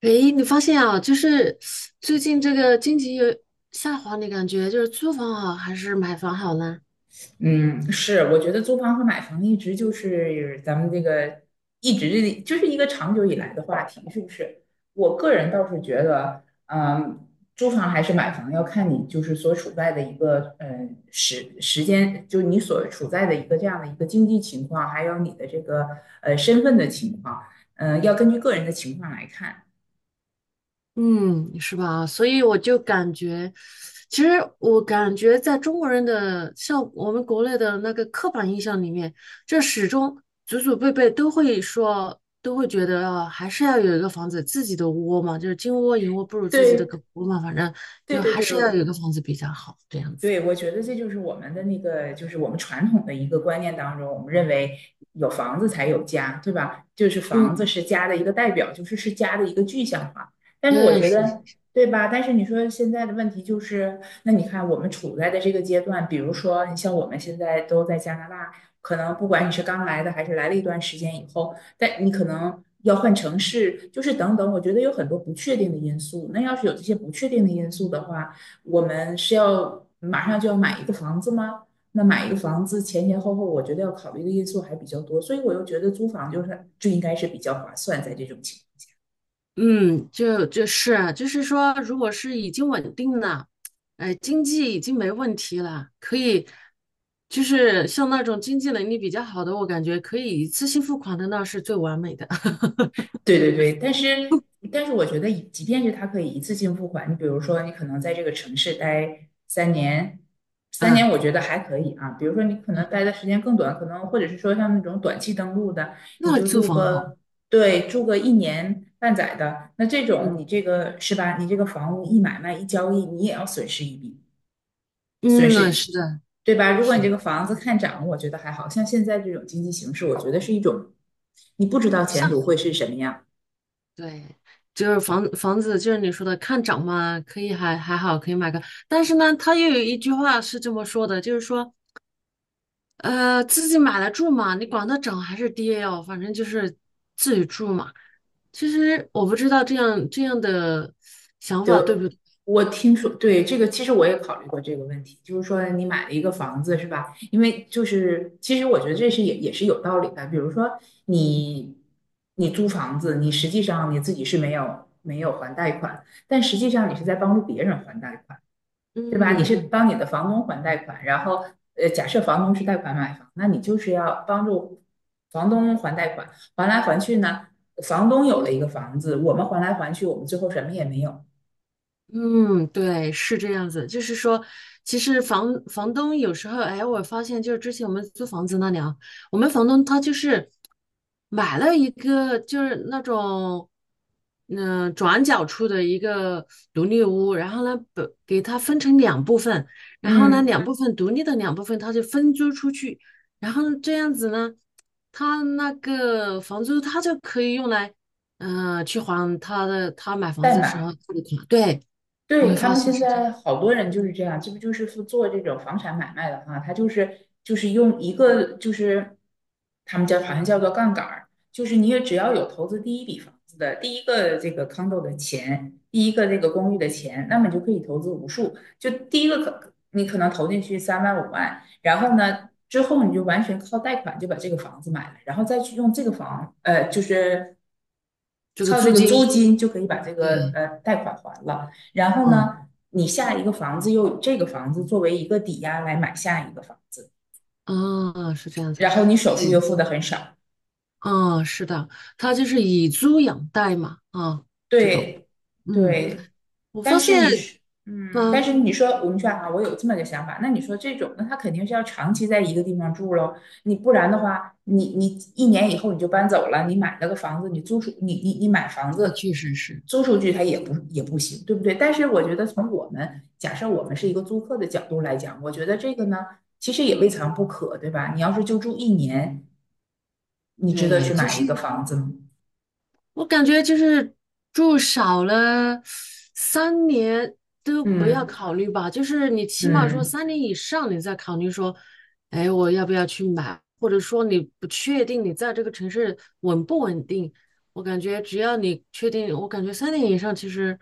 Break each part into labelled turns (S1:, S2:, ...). S1: 诶，你发现啊，就是最近这个经济有下滑，你感觉就是租房好还是买房好呢？
S2: 嗯，是，我觉得租房和买房一直就是一个长久以来的话题，是不是？我个人倒是觉得，租房还是买房要看你就是所处在的一个时间，就你所处在的一个这样的一个经济情况，还有你的这个身份的情况，要根据个人的情况来看。
S1: 嗯，是吧？所以我就感觉，其实我感觉在中国人的像我们国内的那个刻板印象里面，这始终祖祖辈辈都会说，都会觉得啊，还是要有一个房子，自己的窝嘛，就是金窝银窝不如自己的
S2: 对，
S1: 狗窝嘛，反正
S2: 对
S1: 就
S2: 对
S1: 还
S2: 对。
S1: 是要有一个房子比较好，这样子。
S2: 对，我觉得这就是我们的那个，就是我们传统的一个观念当中，我们认为有房子才有家，对吧？就是房子
S1: 嗯，
S2: 是家的一个代表，就是家的一个具象化。但是我
S1: 对，
S2: 觉得，对吧？但是你说现在的问题就是，那你看我们处在的这个阶段，比如说你像我们现在都在加拿大，可能不管你是刚来的还是来了一段时间以后，但你可能要换城市，就是等等，我觉得有很多不确定的因素。那要是有这些不确定的因素的话，我们是要马上就要买一个房子吗？那买一个房子前前后后，我觉得要考虑的因素还比较多，所以我又觉得租房就应该是比较划算，在这种情况。
S1: 嗯，就是啊就是说，如果是已经稳定了，经济已经没问题了，可以，就是像那种经济能力比较好的，我感觉可以一次性付款的，那是最完美的
S2: 对对对。但是我觉得即便是他可以一次性付款，你比如说你可能在这个城市待三年，三年
S1: 啊，
S2: 我觉得还可以啊。比如说你可能待的时间更短，可能或者是说像那种短期登陆的，你
S1: 那
S2: 就
S1: 租
S2: 住
S1: 房好，
S2: 个，对，住个一年半载的，那这种
S1: 嗯
S2: 你这个是吧？你这个房屋一买卖一交易，你也要损失一笔，损
S1: 嗯，
S2: 失
S1: 是的，
S2: 对吧？如果
S1: 是
S2: 你这
S1: 的，
S2: 个房子看涨，我觉得还好像现在这种经济形势，我觉得是一种你不知道前
S1: 上
S2: 途
S1: 海
S2: 会是什么样。
S1: 对，就是房子，就是你说的看涨嘛，可以还好，可以买个，但是呢，他又有一句话是这么说的，就是说。自己买来住嘛，你管它涨还是跌哦，反正就是自己住嘛。其实我不知道这样的想法对不，
S2: 德，
S1: 对，
S2: 我听说，对，这个其实我也考虑过这个问题，就是说你买了一个房子是吧？因为就是其实我觉得这是也是有道理的，比如说你租房子，你实际上你自己是没有还贷款，但实际上你是在帮助别人还贷款，对吧？你是
S1: 嗯，
S2: 帮你的房东还贷款，然后假设房东是贷款买房，那你就是要帮助房东还贷款，还来还去呢，房东有了一个房子，我们还来还去，我们最后什么也没有。
S1: 嗯，对，是这样子。就是说，其实房东有时候，哎，我发现就是之前我们租房子那里啊，我们房东他就是买了一个就是那种，转角处的一个独立屋，然后呢，把给它分成两部分，然后呢，
S2: 嗯。
S1: 两部分独立的两部分，他就分租出去，然后这样子呢，他那个房租他就可以用来，去还他的他买房
S2: 代
S1: 子的时
S2: 买，
S1: 候付的款，对。我
S2: 对，
S1: 会
S2: 他
S1: 发
S2: 们
S1: 现
S2: 现
S1: 是这样，
S2: 在好多人就是这样，这不就是做这种房产买卖的话，他用一个就是他们叫好像叫做杠杆儿，就是你也只要有投资第一笔房子的第一个这个 condo 的钱，第一个这个公寓的钱，那么你就可以投资无数，就第一个可你可能投进去3万5万，然后呢之后你就完全靠贷款就把这个房子买了，然后再去用这个房。
S1: 这个
S2: 靠这
S1: 租
S2: 个租
S1: 金，
S2: 金就可以把这个
S1: 对，
S2: 贷款还了。然后
S1: 嗯，
S2: 呢，你下一个房子又以这个房子作为一个抵押来买下一个房子，
S1: 啊，是这样子，
S2: 然后你
S1: 哎，
S2: 首付又付的很少。
S1: 啊，是的，他就是以租养贷嘛，啊，这种，
S2: 对
S1: 嗯，
S2: 对。
S1: 我
S2: 但
S1: 发
S2: 是
S1: 现，
S2: 你是，但
S1: 嗯，
S2: 是你说我们说啊，我有这么个想法，那你说这种，那他肯定是要长期在一个地方住喽。你不然的话，你一年以后你就搬走了，你买了个房子，你租出你你你买房
S1: 那
S2: 子
S1: 确实是，
S2: 租出去，
S1: 嗯，
S2: 它也不行，对不对？但是我觉得从我们假设我们是一个租客的角度来讲，我觉得这个呢，其实也未尝不可，对吧？你要是就住一年，你值得
S1: 对，
S2: 去
S1: 就
S2: 买
S1: 是。
S2: 一个房子吗？
S1: 我感觉就是住少了三年都不要
S2: 嗯
S1: 考虑吧，就是你起码说
S2: 嗯。
S1: 三年以上，你再考虑说，哎，我要不要去买，或者说你不确定你在这个城市稳不稳定。我感觉只要你确定，我感觉三年以上其实，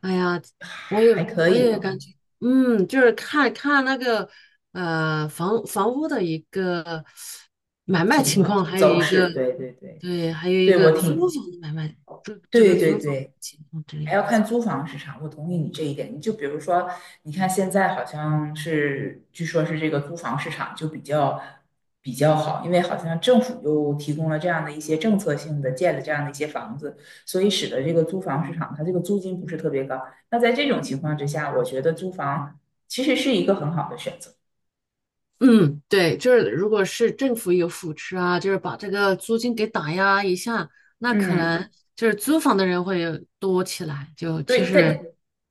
S1: 哎呀，我也
S2: 还可
S1: 我
S2: 以
S1: 也
S2: 啊。
S1: 感觉，嗯，就是看看那个房屋的一个买卖
S2: 情
S1: 情况，
S2: 况
S1: 还有
S2: 走
S1: 一个。
S2: 势，对对对。
S1: 对，还有一
S2: 对，
S1: 个
S2: 我
S1: 租
S2: 挺，
S1: 房的买卖，这个
S2: 对对
S1: 租房
S2: 对。
S1: 情况这
S2: 还
S1: 样。
S2: 要看租房市场。我同意你这一点。你就比如说，你看现在好像是，据说是这个租房市场就比较好，因为好像政府又提供了这样的一些政策性的建的这样的一些房子，所以使得这个租房市场它这个租金不是特别高。那在这种情况之下，我觉得租房其实是一个很好的选择。
S1: 嗯，对，就是如果是政府有扶持啊，就是把这个租金给打压一下，那可
S2: 嗯，
S1: 能就是租房的人会多起来。就其
S2: 对，但
S1: 实，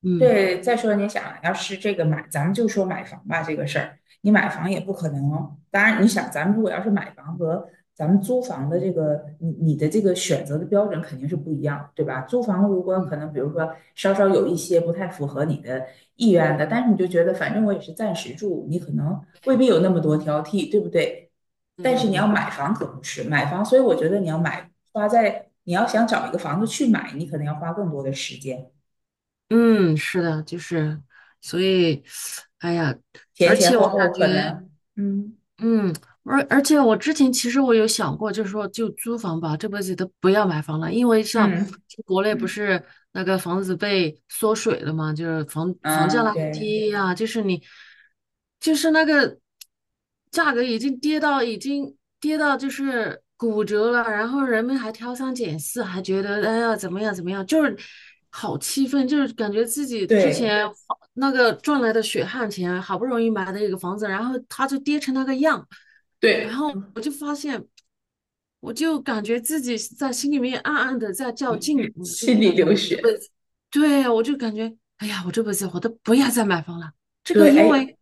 S1: 嗯
S2: 对。再说你想，要是这个买，咱们就说买房吧这个事儿，你买房也不可能。当然，你想，咱们如果要是买房和咱们租房的这个，你的这个选择的标准肯定是不一样，对吧？租房如果
S1: 嗯，
S2: 可能，比如说稍稍有一些不太符合你的意愿的，但是你就觉得反正我也是暂时住，你可能未必有那么多挑剔，对不对？
S1: 对
S2: 但
S1: 对
S2: 是你
S1: 对，
S2: 要买房可不是买房，所以我觉得你要买花在你要想找一个房子去买，你可能要花更多的时间。
S1: 嗯，是的，就是，所以，哎呀，
S2: 前前后
S1: 我感
S2: 后
S1: 觉，
S2: 可能，嗯
S1: 嗯，而且我之前其实我有想过，就是说就租房吧，这辈子都不要买房了，因为像
S2: 嗯
S1: 国内不
S2: 嗯，
S1: 是那个房子被缩水了嘛，就是房价
S2: 嗯，
S1: 那个
S2: 对
S1: 跌呀、就是你就是那个价格已经跌到已经跌到就是骨折了，然后人们还挑三拣四，还觉得哎呀怎么样怎么样，就是好气愤，就是感觉自己之
S2: 对
S1: 前花那个赚来的血汗钱，好不容易买的一个房子，然后它就跌成那个样。然
S2: 对，
S1: 后我就发现，我就感觉自己在心里面暗暗的在较劲，我就
S2: 心里
S1: 感觉
S2: 流
S1: 我这
S2: 血，
S1: 辈子，对，我就感觉，哎呀，我这辈子我都不要再买房了。这个
S2: 对，
S1: 因
S2: 哎，
S1: 为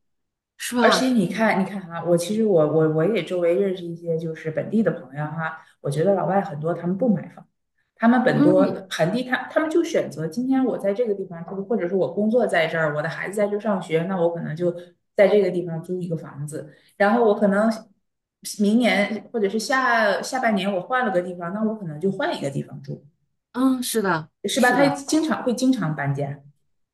S1: 是
S2: 而且
S1: 吧？
S2: 你看，你看哈，我其实我也周围认识一些就是本地的朋友哈，我觉得老外很多他们不买房，他们
S1: 嗯
S2: 本地他们就选择今天我在这个地方住，或者是我工作在这儿，我的孩子在这儿上学，那我可能就在这个地方租一个房子，然后我可能明年或者是下下半年我换了个地方，那我可能就换一个地方住，
S1: 嗯，是的，
S2: 是吧？
S1: 是
S2: 他
S1: 的。
S2: 经常会经常搬家。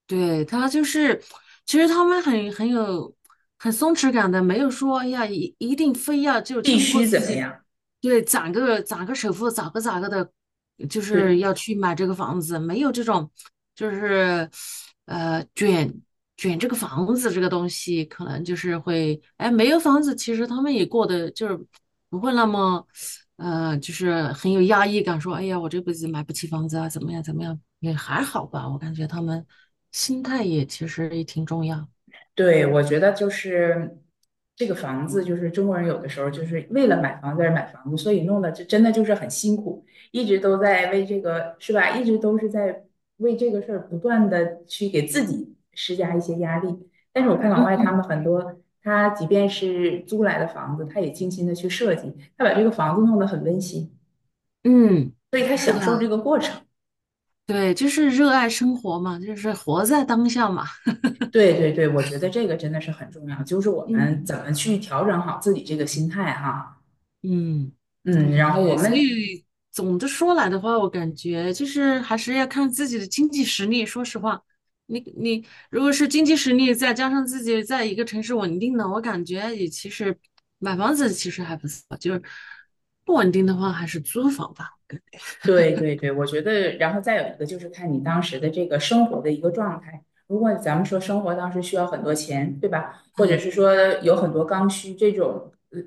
S1: 对，他就是，其实他们很有很松弛感的，没有说哎呀一定非要就
S2: 必
S1: 强迫
S2: 须
S1: 自
S2: 怎么
S1: 己，
S2: 样？
S1: 对，攒个首付，咋个咋个的，就是
S2: 对。
S1: 要去买这个房子，没有这种就是呃卷卷这个房子这个东西，可能就是会哎没有房子，其实他们也过得就是不会那么，就是很有压抑感，说，哎呀，我这辈子买不起房子啊，怎么样，怎么样，也还好吧。我感觉他们心态也其实也挺重要。
S2: 对，我觉得就是这个房子，就是中国人有的时候就是为了买房子而买房子，所以弄得这真的就是很辛苦，一直都在为这个，是吧？一直都是在为这个事儿不断的去给自己施加一些压力。但是我看老
S1: 嗯
S2: 外他们很多，他即便是租来的房子，他也精心的去设计，他把这个房子弄得很温馨，
S1: 嗯，
S2: 所以他
S1: 是的，
S2: 享受这个过程。
S1: 对，就是热爱生活嘛，就是活在当下嘛。
S2: 对对对，我觉得这个真的是很重要，就是我们
S1: 嗯
S2: 怎么去调整好自己这个心态哈。
S1: 嗯。
S2: 嗯，然后我
S1: 对，所
S2: 们。
S1: 以总的说来的话，我感觉就是还是要看自己的经济实力。说实话，你你如果是经济实力再加上自己在一个城市稳定的，我感觉也其实买房子其实还不错，就是不稳定的话还是租房吧。
S2: 对对对，我觉得，然后再有一个就是看你当时的这个生活的一个状态。如果咱们说生活当时需要很多钱，对吧？或者是说有很多刚需这种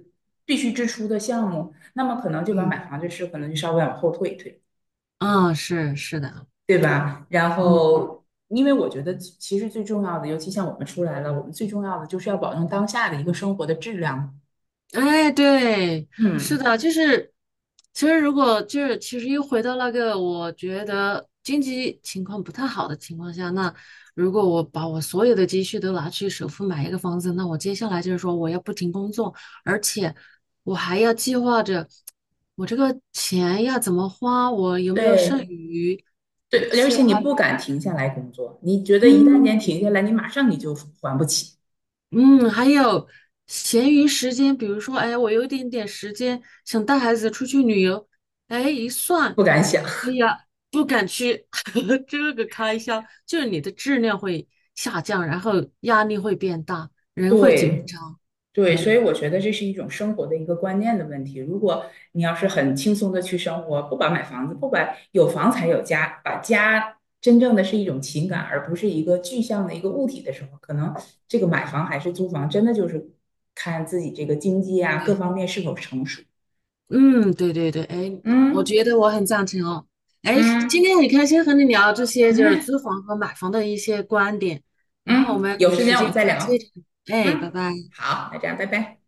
S2: 必须支出的项目，那么可能就把买
S1: 嗯，
S2: 房这事可能就稍微往后退一退，
S1: 啊，是是的，
S2: 对吧？然
S1: 嗯，
S2: 后，因为我觉得其实最重要的，尤其像我们出来了，我们最重要的就是要保证当下的一个生活的质量。
S1: 哎，对，是
S2: 嗯，
S1: 的，就是，其实如果就是，其实又回到那个，我觉得经济情况不太好的情况下，那如果我把我所有的积蓄都拿去首付买一个房子，那我接下来就是说我要不停工作，而且我还要计划着我这个钱要怎么花，我有没有剩
S2: 对
S1: 余，而
S2: 对，而
S1: 且
S2: 且你
S1: 还，
S2: 不敢停下来工作，你觉得一旦间
S1: 嗯。
S2: 停下来，你马上你就还不起。
S1: 嗯，还有闲余时间，比如说，哎，我有一点点时间，想带孩子出去旅游，哎，一算，
S2: 不敢想。
S1: 哎 呀，不敢去，这个开销就是你的质量会下降，然后压力会变大，人会紧
S2: 对
S1: 张。
S2: 对，所
S1: 对
S2: 以我觉得这是一种生活的一个观念的问题。如果你要是很轻松的去生活，不把买房子，不把有房才有家，把家真正的是一种情感，而不是一个具象的一个物体的时候，可能这个买房还是租房，真的就是看自己这个经济啊各
S1: 对，
S2: 方面是否成熟。
S1: 嗯，对对对，哎，我
S2: 嗯
S1: 觉得我很赞成哦。哎，今
S2: 嗯，
S1: 天很开心和你聊这些，就是
S2: 哎
S1: 租房和买房的一些观点，然后我
S2: 嗯，
S1: 们
S2: 有
S1: 有
S2: 时
S1: 时
S2: 间我们
S1: 间
S2: 再
S1: 再
S2: 聊。
S1: 接着聊。哎，拜
S2: 嗯，
S1: 拜。
S2: 好，那这样，拜拜。